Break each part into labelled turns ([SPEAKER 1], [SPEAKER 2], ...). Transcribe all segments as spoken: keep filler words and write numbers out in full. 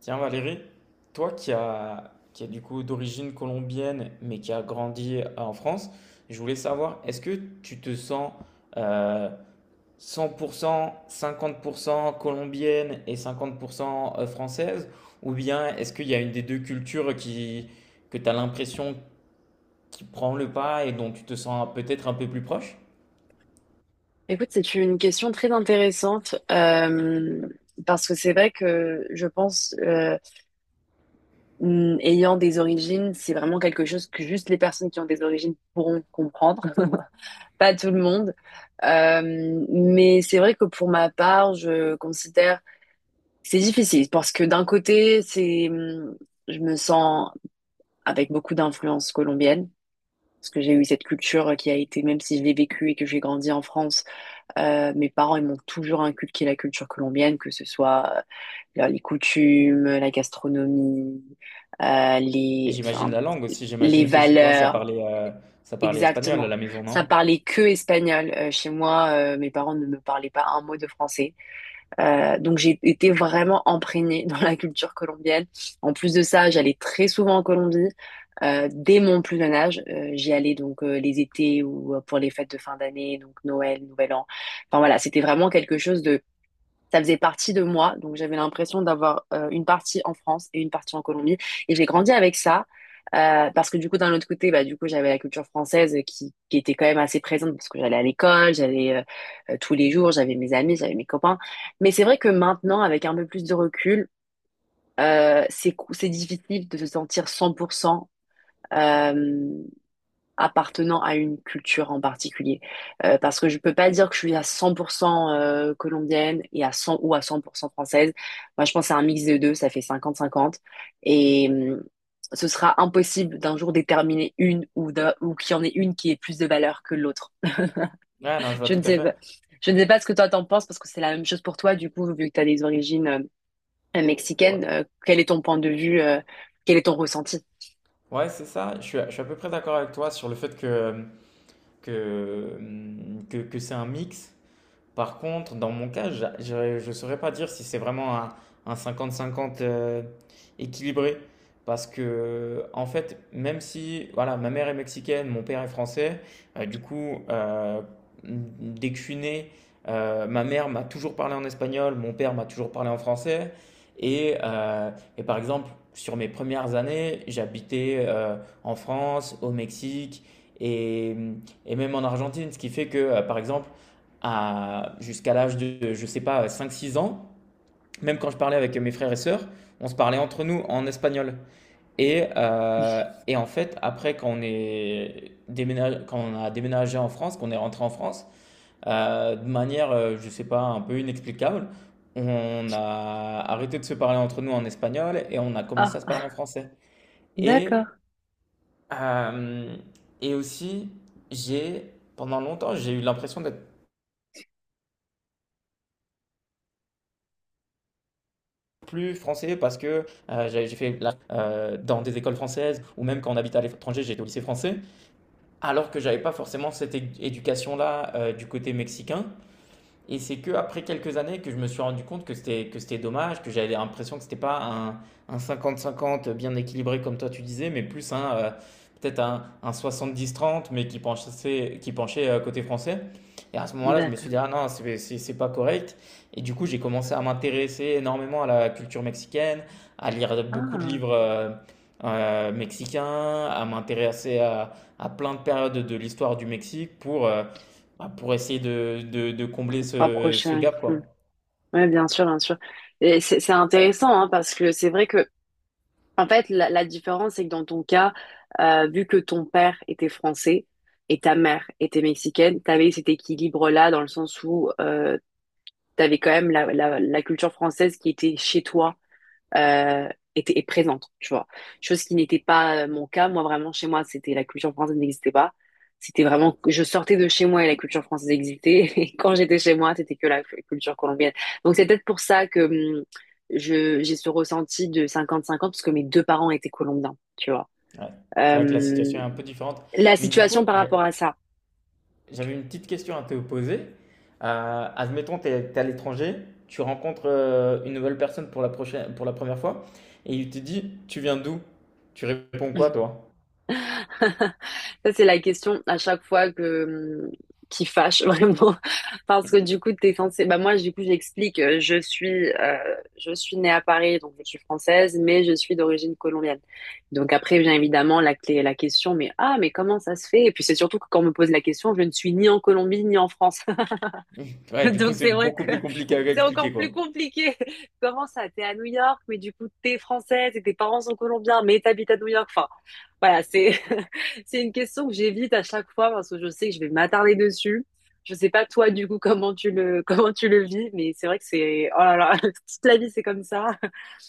[SPEAKER 1] Tiens Valérie, toi qui as qui a du coup d'origine colombienne mais qui a grandi euh, en France, je voulais savoir, est-ce que tu te sens euh, cent pour cent cinquante pour cent colombienne et cinquante pour cent française, ou bien est-ce qu'il y a une des deux cultures qui, que tu as l'impression qui prend le pas et dont tu te sens peut-être un peu plus proche?
[SPEAKER 2] Écoute, c'est une question très intéressante euh, parce que c'est vrai que je pense, euh, mm, ayant des origines, c'est vraiment quelque chose que juste les personnes qui ont des origines pourront comprendre, pas tout le monde. Euh, mais c'est vrai que pour ma part, je considère que c'est difficile parce que d'un côté, c'est, mm, je me sens avec beaucoup d'influence colombienne parce que j'ai eu cette culture qui a été, même si je l'ai vécue et que j'ai grandi en France. Euh, mes parents, ils m'ont toujours inculqué la culture colombienne, que ce soit euh, les coutumes, euh, la gastronomie, euh,
[SPEAKER 1] Et
[SPEAKER 2] les,
[SPEAKER 1] j'imagine
[SPEAKER 2] enfin,
[SPEAKER 1] la langue aussi,
[SPEAKER 2] les
[SPEAKER 1] j'imagine que chez toi ça
[SPEAKER 2] valeurs.
[SPEAKER 1] parlait, euh, ça parlait espagnol à
[SPEAKER 2] Exactement.
[SPEAKER 1] la maison, non?
[SPEAKER 2] Ça parlait que espagnol. Euh, chez moi, euh, mes parents ne me parlaient pas un mot de français. Euh, donc j'ai été vraiment imprégnée dans la culture colombienne. En plus de ça, j'allais très souvent en Colombie. Euh, dès mon plus jeune âge, euh, j'y allais donc euh, les étés ou euh, pour les fêtes de fin d'année, donc Noël, Nouvel An. Enfin voilà, c'était vraiment quelque chose de Ça faisait partie de moi. Donc j'avais l'impression d'avoir euh, une partie en France et une partie en Colombie. Et j'ai grandi avec ça. Euh, parce que du coup, d'un autre côté, bah, du coup, j'avais la culture française qui, qui était quand même assez présente parce que j'allais à l'école, j'allais euh, euh, tous les jours, j'avais mes amis, j'avais mes copains. Mais c'est vrai que maintenant, avec un peu plus de recul, euh, c'est cou- c'est difficile de se sentir cent pour cent appartenant à une culture en particulier. Euh, parce que je peux pas dire que je suis à cent pour cent euh, colombienne et à cent ou à cent pour cent française. Moi, je pense à un mix des deux, ça fait cinquante cinquante. Et hum, ce sera impossible d'un jour déterminer une ou, d'un- ou qu'il y en ait une qui ait plus de valeur que l'autre.
[SPEAKER 1] Ah non, je vois
[SPEAKER 2] Je
[SPEAKER 1] tout
[SPEAKER 2] ne
[SPEAKER 1] à
[SPEAKER 2] sais pas. Je ne sais pas ce que toi t'en penses parce que c'est la même chose pour toi, du coup, vu que tu as des origines euh, mexicaines,
[SPEAKER 1] fait.
[SPEAKER 2] euh, quel est ton point de vue, euh, quel est ton ressenti?
[SPEAKER 1] Ouais, c'est ça. Je suis, à je suis à peu près d'accord avec toi sur le fait que, que, que, que c'est un mix. Par contre, dans mon cas, j'a- je ne saurais pas dire si c'est vraiment un, un cinquante cinquante euh, équilibré. Parce que, euh, en fait, même si voilà, ma mère est mexicaine, mon père est français. Euh, du coup, euh, dès que je suis né, euh, ma mère m'a toujours parlé en espagnol, mon père m'a toujours parlé en français. Et, euh, et par exemple, sur mes premières années, j'habitais euh, en France, au Mexique et, et même en Argentine, ce qui fait que, euh, par exemple, à jusqu'à l'âge de, je sais pas, cinq six ans, même quand je parlais avec mes frères et sœurs, on se parlait entre nous en espagnol. Et, euh, et en fait, après, quand on, est déménag- quand on a déménagé en France, qu'on est rentré en France, euh, de manière, euh, je sais pas, un peu inexplicable, on a arrêté de se parler entre nous en espagnol et on a commencé
[SPEAKER 2] Ah,
[SPEAKER 1] à se parler en français. Et,
[SPEAKER 2] d'accord.
[SPEAKER 1] euh, et aussi, j'ai, pendant longtemps, j'ai eu l'impression d'être plus français parce que euh, j'ai j'ai fait la- euh, dans des écoles françaises, ou même quand on habite à l'étranger, j'étais au lycée français, alors que j'avais pas forcément cette é- éducation-là euh, du côté mexicain. Et c'est que après quelques années que je me suis rendu compte que c'était que c'était dommage, que j'avais l'impression que c'était pas un un cinquante cinquante bien équilibré comme toi tu disais, mais plus un euh, peut-être un, un soixante-dix trente mais qui penchait qui penchait euh, côté français. Et à ce moment-là, je me
[SPEAKER 2] D'accord.
[SPEAKER 1] suis dit ah non, c'est c'est c'est pas correct. Et du coup, j'ai commencé à m'intéresser énormément à la culture mexicaine, à lire beaucoup de
[SPEAKER 2] Ah,
[SPEAKER 1] livres euh, euh, mexicains, à m'intéresser à, à plein de périodes de l'histoire du Mexique pour euh, bah, pour essayer de, de- de combler ce, ce
[SPEAKER 2] rapproché.
[SPEAKER 1] gap, quoi.
[SPEAKER 2] Ouais, bien sûr, bien sûr. Et c'est c'est intéressant hein, parce que c'est vrai que, en fait, la, la différence, c'est que dans ton cas, euh, vu que ton père était français et ta mère était mexicaine, t'avais cet équilibre-là dans le sens où euh, t'avais quand même la, la, la culture française qui était chez toi euh, était est présente, tu vois. Chose qui n'était pas euh, mon cas. Moi, vraiment, chez moi, c'était la culture française n'existait pas. C'était vraiment, je sortais de chez moi et la culture française existait. Et quand j'étais chez moi, c'était que la cu- culture colombienne. Donc, c'est peut-être pour ça que hum, je, j'ai ce ressenti de cinquante cinquante parce que mes deux parents étaient colombiens, tu vois.
[SPEAKER 1] Ouais. C'est vrai que la
[SPEAKER 2] Euh,
[SPEAKER 1] situation est un peu différente.
[SPEAKER 2] la
[SPEAKER 1] Mais du coup,
[SPEAKER 2] situation par
[SPEAKER 1] j'a-
[SPEAKER 2] rapport à ça.
[SPEAKER 1] j'avais une petite question à te poser. Euh, admettons, tu es à l'étranger, tu rencontres euh, une nouvelle personne pour la prochaine, pour la première fois, et il te dit, tu viens d'où? Tu réponds quoi, toi?
[SPEAKER 2] Ça, c'est la question à chaque fois que mmh, qui fâche vraiment parce que du coup t'es censé bah moi du coup j'explique euh, je suis euh, je suis née à Paris donc je suis française mais je suis d'origine colombienne donc après vient évidemment la clé la question mais ah mais comment ça se fait et puis c'est surtout que quand on me pose la question je ne suis ni en Colombie ni en France
[SPEAKER 1] Ouais, du coup,
[SPEAKER 2] Donc
[SPEAKER 1] c'est
[SPEAKER 2] c'est vrai
[SPEAKER 1] beaucoup
[SPEAKER 2] que
[SPEAKER 1] plus compliqué à
[SPEAKER 2] c'est encore
[SPEAKER 1] expliquer,
[SPEAKER 2] plus
[SPEAKER 1] quoi.
[SPEAKER 2] compliqué. Comment ça? T'es à New York, mais du coup t'es française et tes parents sont colombiens, mais t'habites à New York. Enfin, voilà, c'est c'est une question que j'évite à chaque fois parce que je sais que je vais m'attarder dessus. Je sais pas toi du coup comment tu le comment tu le vis, mais c'est vrai que c'est oh là là toute la vie c'est comme ça.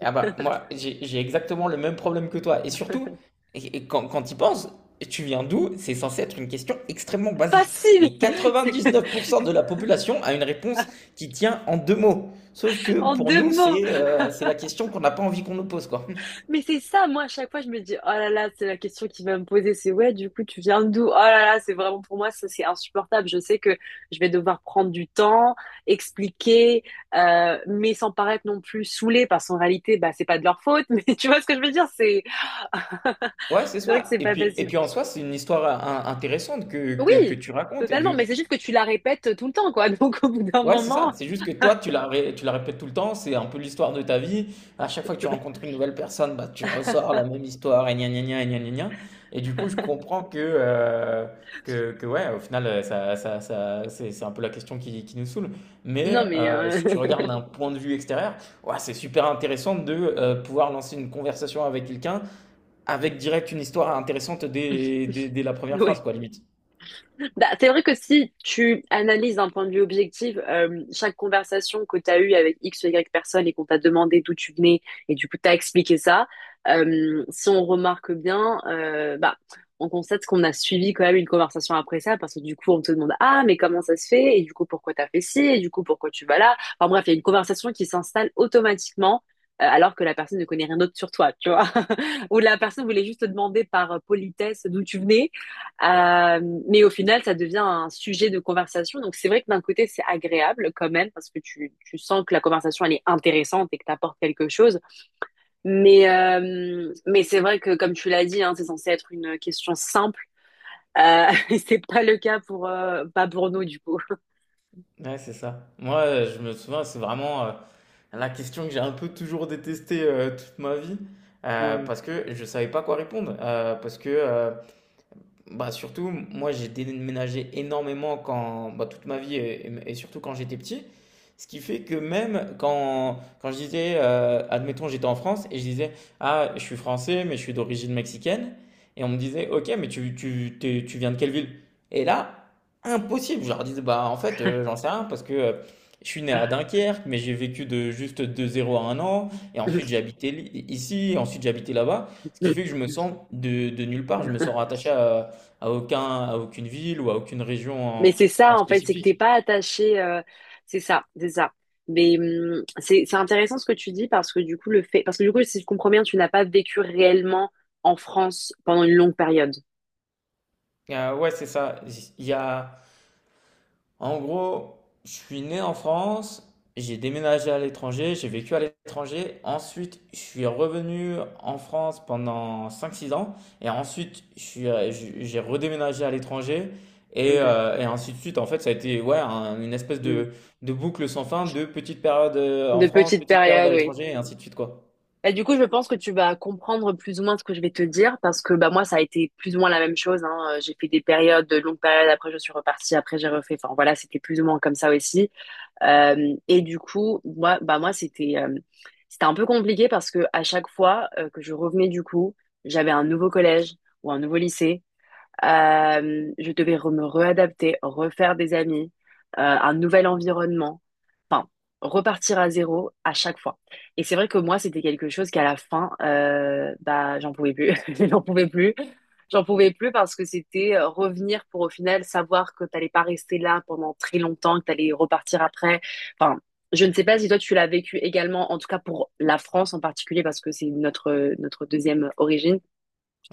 [SPEAKER 1] Ah bah, moi, j'ai j'ai exactement le même problème que toi. Et surtout, et- et quand, quand tu y penses, tu viens d'où? C'est censé être une question extrêmement basique.
[SPEAKER 2] Facile.
[SPEAKER 1] Et
[SPEAKER 2] C'est-
[SPEAKER 1] quatre-vingt-dix-neuf pour cent de la population a une réponse qui tient en deux mots. Sauf que
[SPEAKER 2] En
[SPEAKER 1] pour
[SPEAKER 2] deux
[SPEAKER 1] nous,
[SPEAKER 2] mots.
[SPEAKER 1] c'est euh, c'est la question qu'on n'a pas envie qu'on nous pose, quoi.
[SPEAKER 2] Mais c'est ça, moi, à chaque fois, je me dis, oh là là, c'est la question qu'il va me poser, c'est ouais, du coup, tu viens d'où? Oh là là, c'est vraiment pour moi, ça, c'est insupportable. Je sais que je vais devoir prendre du temps, expliquer, euh, mais sans paraître non plus saoulée, parce qu'en réalité, bah, c'est pas de leur faute, mais tu vois ce que je veux dire? C'est,
[SPEAKER 1] Ouais, c'est
[SPEAKER 2] c'est vrai que
[SPEAKER 1] ça.
[SPEAKER 2] c'est
[SPEAKER 1] Et
[SPEAKER 2] pas
[SPEAKER 1] puis, et
[SPEAKER 2] facile.
[SPEAKER 1] puis en soi, c'est une histoire euh, in- intéressante que, que, que
[SPEAKER 2] Oui,
[SPEAKER 1] tu racontes. Et
[SPEAKER 2] totalement,
[SPEAKER 1] du,
[SPEAKER 2] mais c'est juste que tu la répètes tout le temps, quoi. Donc, au bout d'un
[SPEAKER 1] Ouais, c'est
[SPEAKER 2] moment,
[SPEAKER 1] ça. C'est juste que toi, tu la, ré- tu la répètes tout le temps. C'est un peu l'histoire de ta vie. À chaque fois que tu rencontres une nouvelle personne, bah, tu ressors la même histoire et gna gna gna et gna gna gna. Et du coup, je comprends que, euh, que, que ouais, au final, euh, ça, ça, ça- c'est c'est un peu la question qui, qui nous saoule.
[SPEAKER 2] non,
[SPEAKER 1] Mais
[SPEAKER 2] mais,
[SPEAKER 1] euh,
[SPEAKER 2] euh...
[SPEAKER 1] si tu regardes d'un point de vue extérieur, ouais, c'est super intéressant de euh, pouvoir lancer une conversation avec quelqu'un avec direct une histoire intéressante dès, dès, dès la première phrase,
[SPEAKER 2] oui.
[SPEAKER 1] quoi, limite.
[SPEAKER 2] Bah, c'est vrai que si tu analyses d'un point de vue objectif, euh, chaque conversation que tu as eue avec X ou Y personne et qu'on t'a demandé d'où tu venais et du coup t'as expliqué ça, euh, si on remarque bien, euh, bah, on constate qu'on a suivi quand même une conversation après ça parce que du coup on te demande ah mais comment ça se fait et du coup pourquoi t'as fait ci et du coup pourquoi tu vas là. Enfin bref, il y a une conversation qui s'installe automatiquement euh, alors que la personne ne connaît rien d'autre sur toi, tu vois. Ou la personne voulait juste te demander par politesse d'où tu venais. Euh, mais au final, ça devient un sujet de conversation. Donc c'est vrai que d'un côté, c'est agréable quand même parce que tu, tu sens que la conversation, elle est intéressante et que t'apportes quelque chose. Mais, euh, mais c'est vrai que comme tu l'as dit, hein, c'est censé être une question simple. Euh, et c'est pas le cas pour, euh, pas pour nous du coup.
[SPEAKER 1] Ouais, c'est ça. Moi, euh, je me souviens, c'est vraiment euh, la question que j'ai un peu toujours détestée euh, toute ma vie, euh, parce que je savais pas quoi répondre, euh, parce que euh, bah, surtout, moi, j'ai déménagé énormément quand, bah, toute ma vie et, et- et surtout quand j'étais petit. Ce qui fait que même quand, quand je disais, euh, admettons, j'étais en France et je disais, ah, je suis français, mais je suis d'origine mexicaine. Et on me disait, ok, mais tu, tu, t'es- tu viens de quelle ville? Et là, impossible. Je leur disais, bah, en fait, euh, j'en sais rien parce que euh, je suis né à
[SPEAKER 2] Ah
[SPEAKER 1] Dunkerque, mais j'ai vécu de juste de zéro à un an. Et ensuite, j'ai habité li- ici, et ensuite, j'ai habité là-bas. Ce qui fait que je
[SPEAKER 2] ouais.
[SPEAKER 1] me sens de, de nulle part. Je me sens rattaché à, à aucun, à aucune ville, ou à aucune région
[SPEAKER 2] Mais
[SPEAKER 1] en,
[SPEAKER 2] c'est
[SPEAKER 1] en
[SPEAKER 2] ça, en fait, c'est que t'es
[SPEAKER 1] spécifique.
[SPEAKER 2] pas attaché. euh, c'est ça, c'est ça. Mais hum, c'est c'est intéressant ce que tu dis parce que du coup le fait, parce que du coup si je comprends bien, tu n'as pas vécu réellement en France pendant une longue période.
[SPEAKER 1] Euh, ouais, c'est ça. Il y a, en gros, je suis né en France, j'ai déménagé à l'étranger, j'ai vécu à l'étranger. Ensuite, je suis revenu en France pendant cinq six ans. Et ensuite, je suis, euh, je- j'ai redéménagé à l'étranger. Et,
[SPEAKER 2] Ok.
[SPEAKER 1] euh, et ainsi de suite. En fait, ça a été ouais, un- une espèce
[SPEAKER 2] Hum.
[SPEAKER 1] de, de boucle sans fin de petites périodes euh, en
[SPEAKER 2] De
[SPEAKER 1] France,
[SPEAKER 2] petites
[SPEAKER 1] petites périodes
[SPEAKER 2] périodes,
[SPEAKER 1] à
[SPEAKER 2] oui.
[SPEAKER 1] l'étranger, et ainsi de suite, quoi.
[SPEAKER 2] Et du coup, je pense que tu vas comprendre plus ou moins ce que je vais te dire parce que bah moi ça a été plus ou moins la même chose. Hein. Euh, J'ai fait des périodes, de longues périodes. Après je suis repartie. Après j'ai refait. Enfin voilà, c'était plus ou moins comme ça aussi. Euh, et du coup, moi, bah moi c'était euh, c'était un peu compliqué parce que à chaque fois euh, que je revenais du coup, j'avais un nouveau collège ou un nouveau lycée. Euh, je devais re- me réadapter, refaire des amis, euh, un nouvel environnement enfin, repartir à zéro à chaque fois. Et c'est vrai que moi, c'était quelque chose qu'à la fin, euh, bah, j'en pouvais plus. J'en pouvais plus. J'en pouvais plus parce que c'était euh, revenir pour au final savoir que t'allais pas rester là pendant très longtemps, que t'allais repartir après. Enfin, je ne sais pas si toi tu l'as vécu également, en tout cas pour la France en particulier parce que c'est notre notre deuxième origine,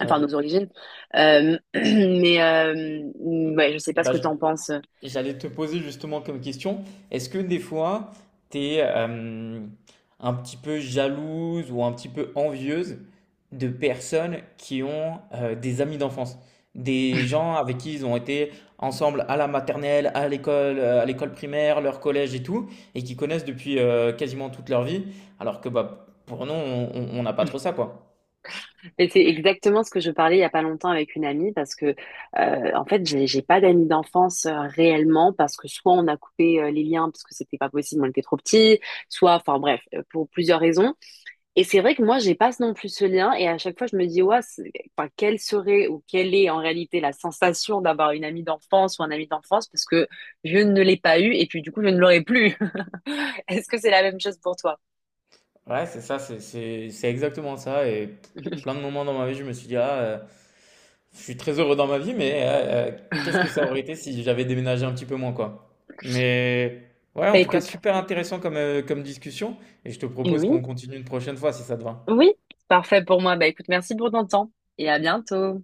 [SPEAKER 2] enfin nos origines. Euh, mais euh, ouais, je sais
[SPEAKER 1] Et
[SPEAKER 2] pas ce que t'en penses.
[SPEAKER 1] j'allais te poser justement comme question, est-ce que des fois, tu es un petit peu jalouse ou un petit peu envieuse de personnes qui ont euh, des amis d'enfance, des gens avec qui ils ont été ensemble à la maternelle, à l'école, euh, à l'école primaire, leur collège et tout, et qui connaissent depuis euh, quasiment toute leur vie, alors que bah, pour nous, on on- on n'a pas trop ça, quoi.
[SPEAKER 2] Mais c'est exactement ce que je parlais il y a pas longtemps avec une amie parce que euh, en fait j'ai j'ai pas d'amis d'enfance euh, réellement parce que soit on a coupé euh, les liens parce que c'était pas possible on était trop petits soit enfin bref euh, pour plusieurs raisons et c'est vrai que moi j'ai pas non plus ce lien et à chaque fois je me dis ouais c'est- enfin quelle serait ou quelle est en réalité la sensation d'avoir une amie d'enfance ou un ami d'enfance parce que je ne l'ai pas eu et puis du coup je ne l'aurai plus. Est-ce que c'est la même chose pour toi?
[SPEAKER 1] Ouais, c'est ça, c'est c'est- c'est exactement ça. Et plein de moments dans ma vie, je me suis dit, ah, euh, je suis très heureux dans ma vie, mais euh, euh, qu'est-ce que ça aurait été si j'avais déménagé un petit peu moins, quoi. Mais ouais,
[SPEAKER 2] Bah
[SPEAKER 1] en tout cas,
[SPEAKER 2] écoute,
[SPEAKER 1] super intéressant comme, euh, comme discussion. Et je te
[SPEAKER 2] eh
[SPEAKER 1] propose
[SPEAKER 2] oui.
[SPEAKER 1] qu'on continue une prochaine fois si ça te va.
[SPEAKER 2] Oui, parfait pour moi. Bah écoute, merci pour ton temps et à bientôt.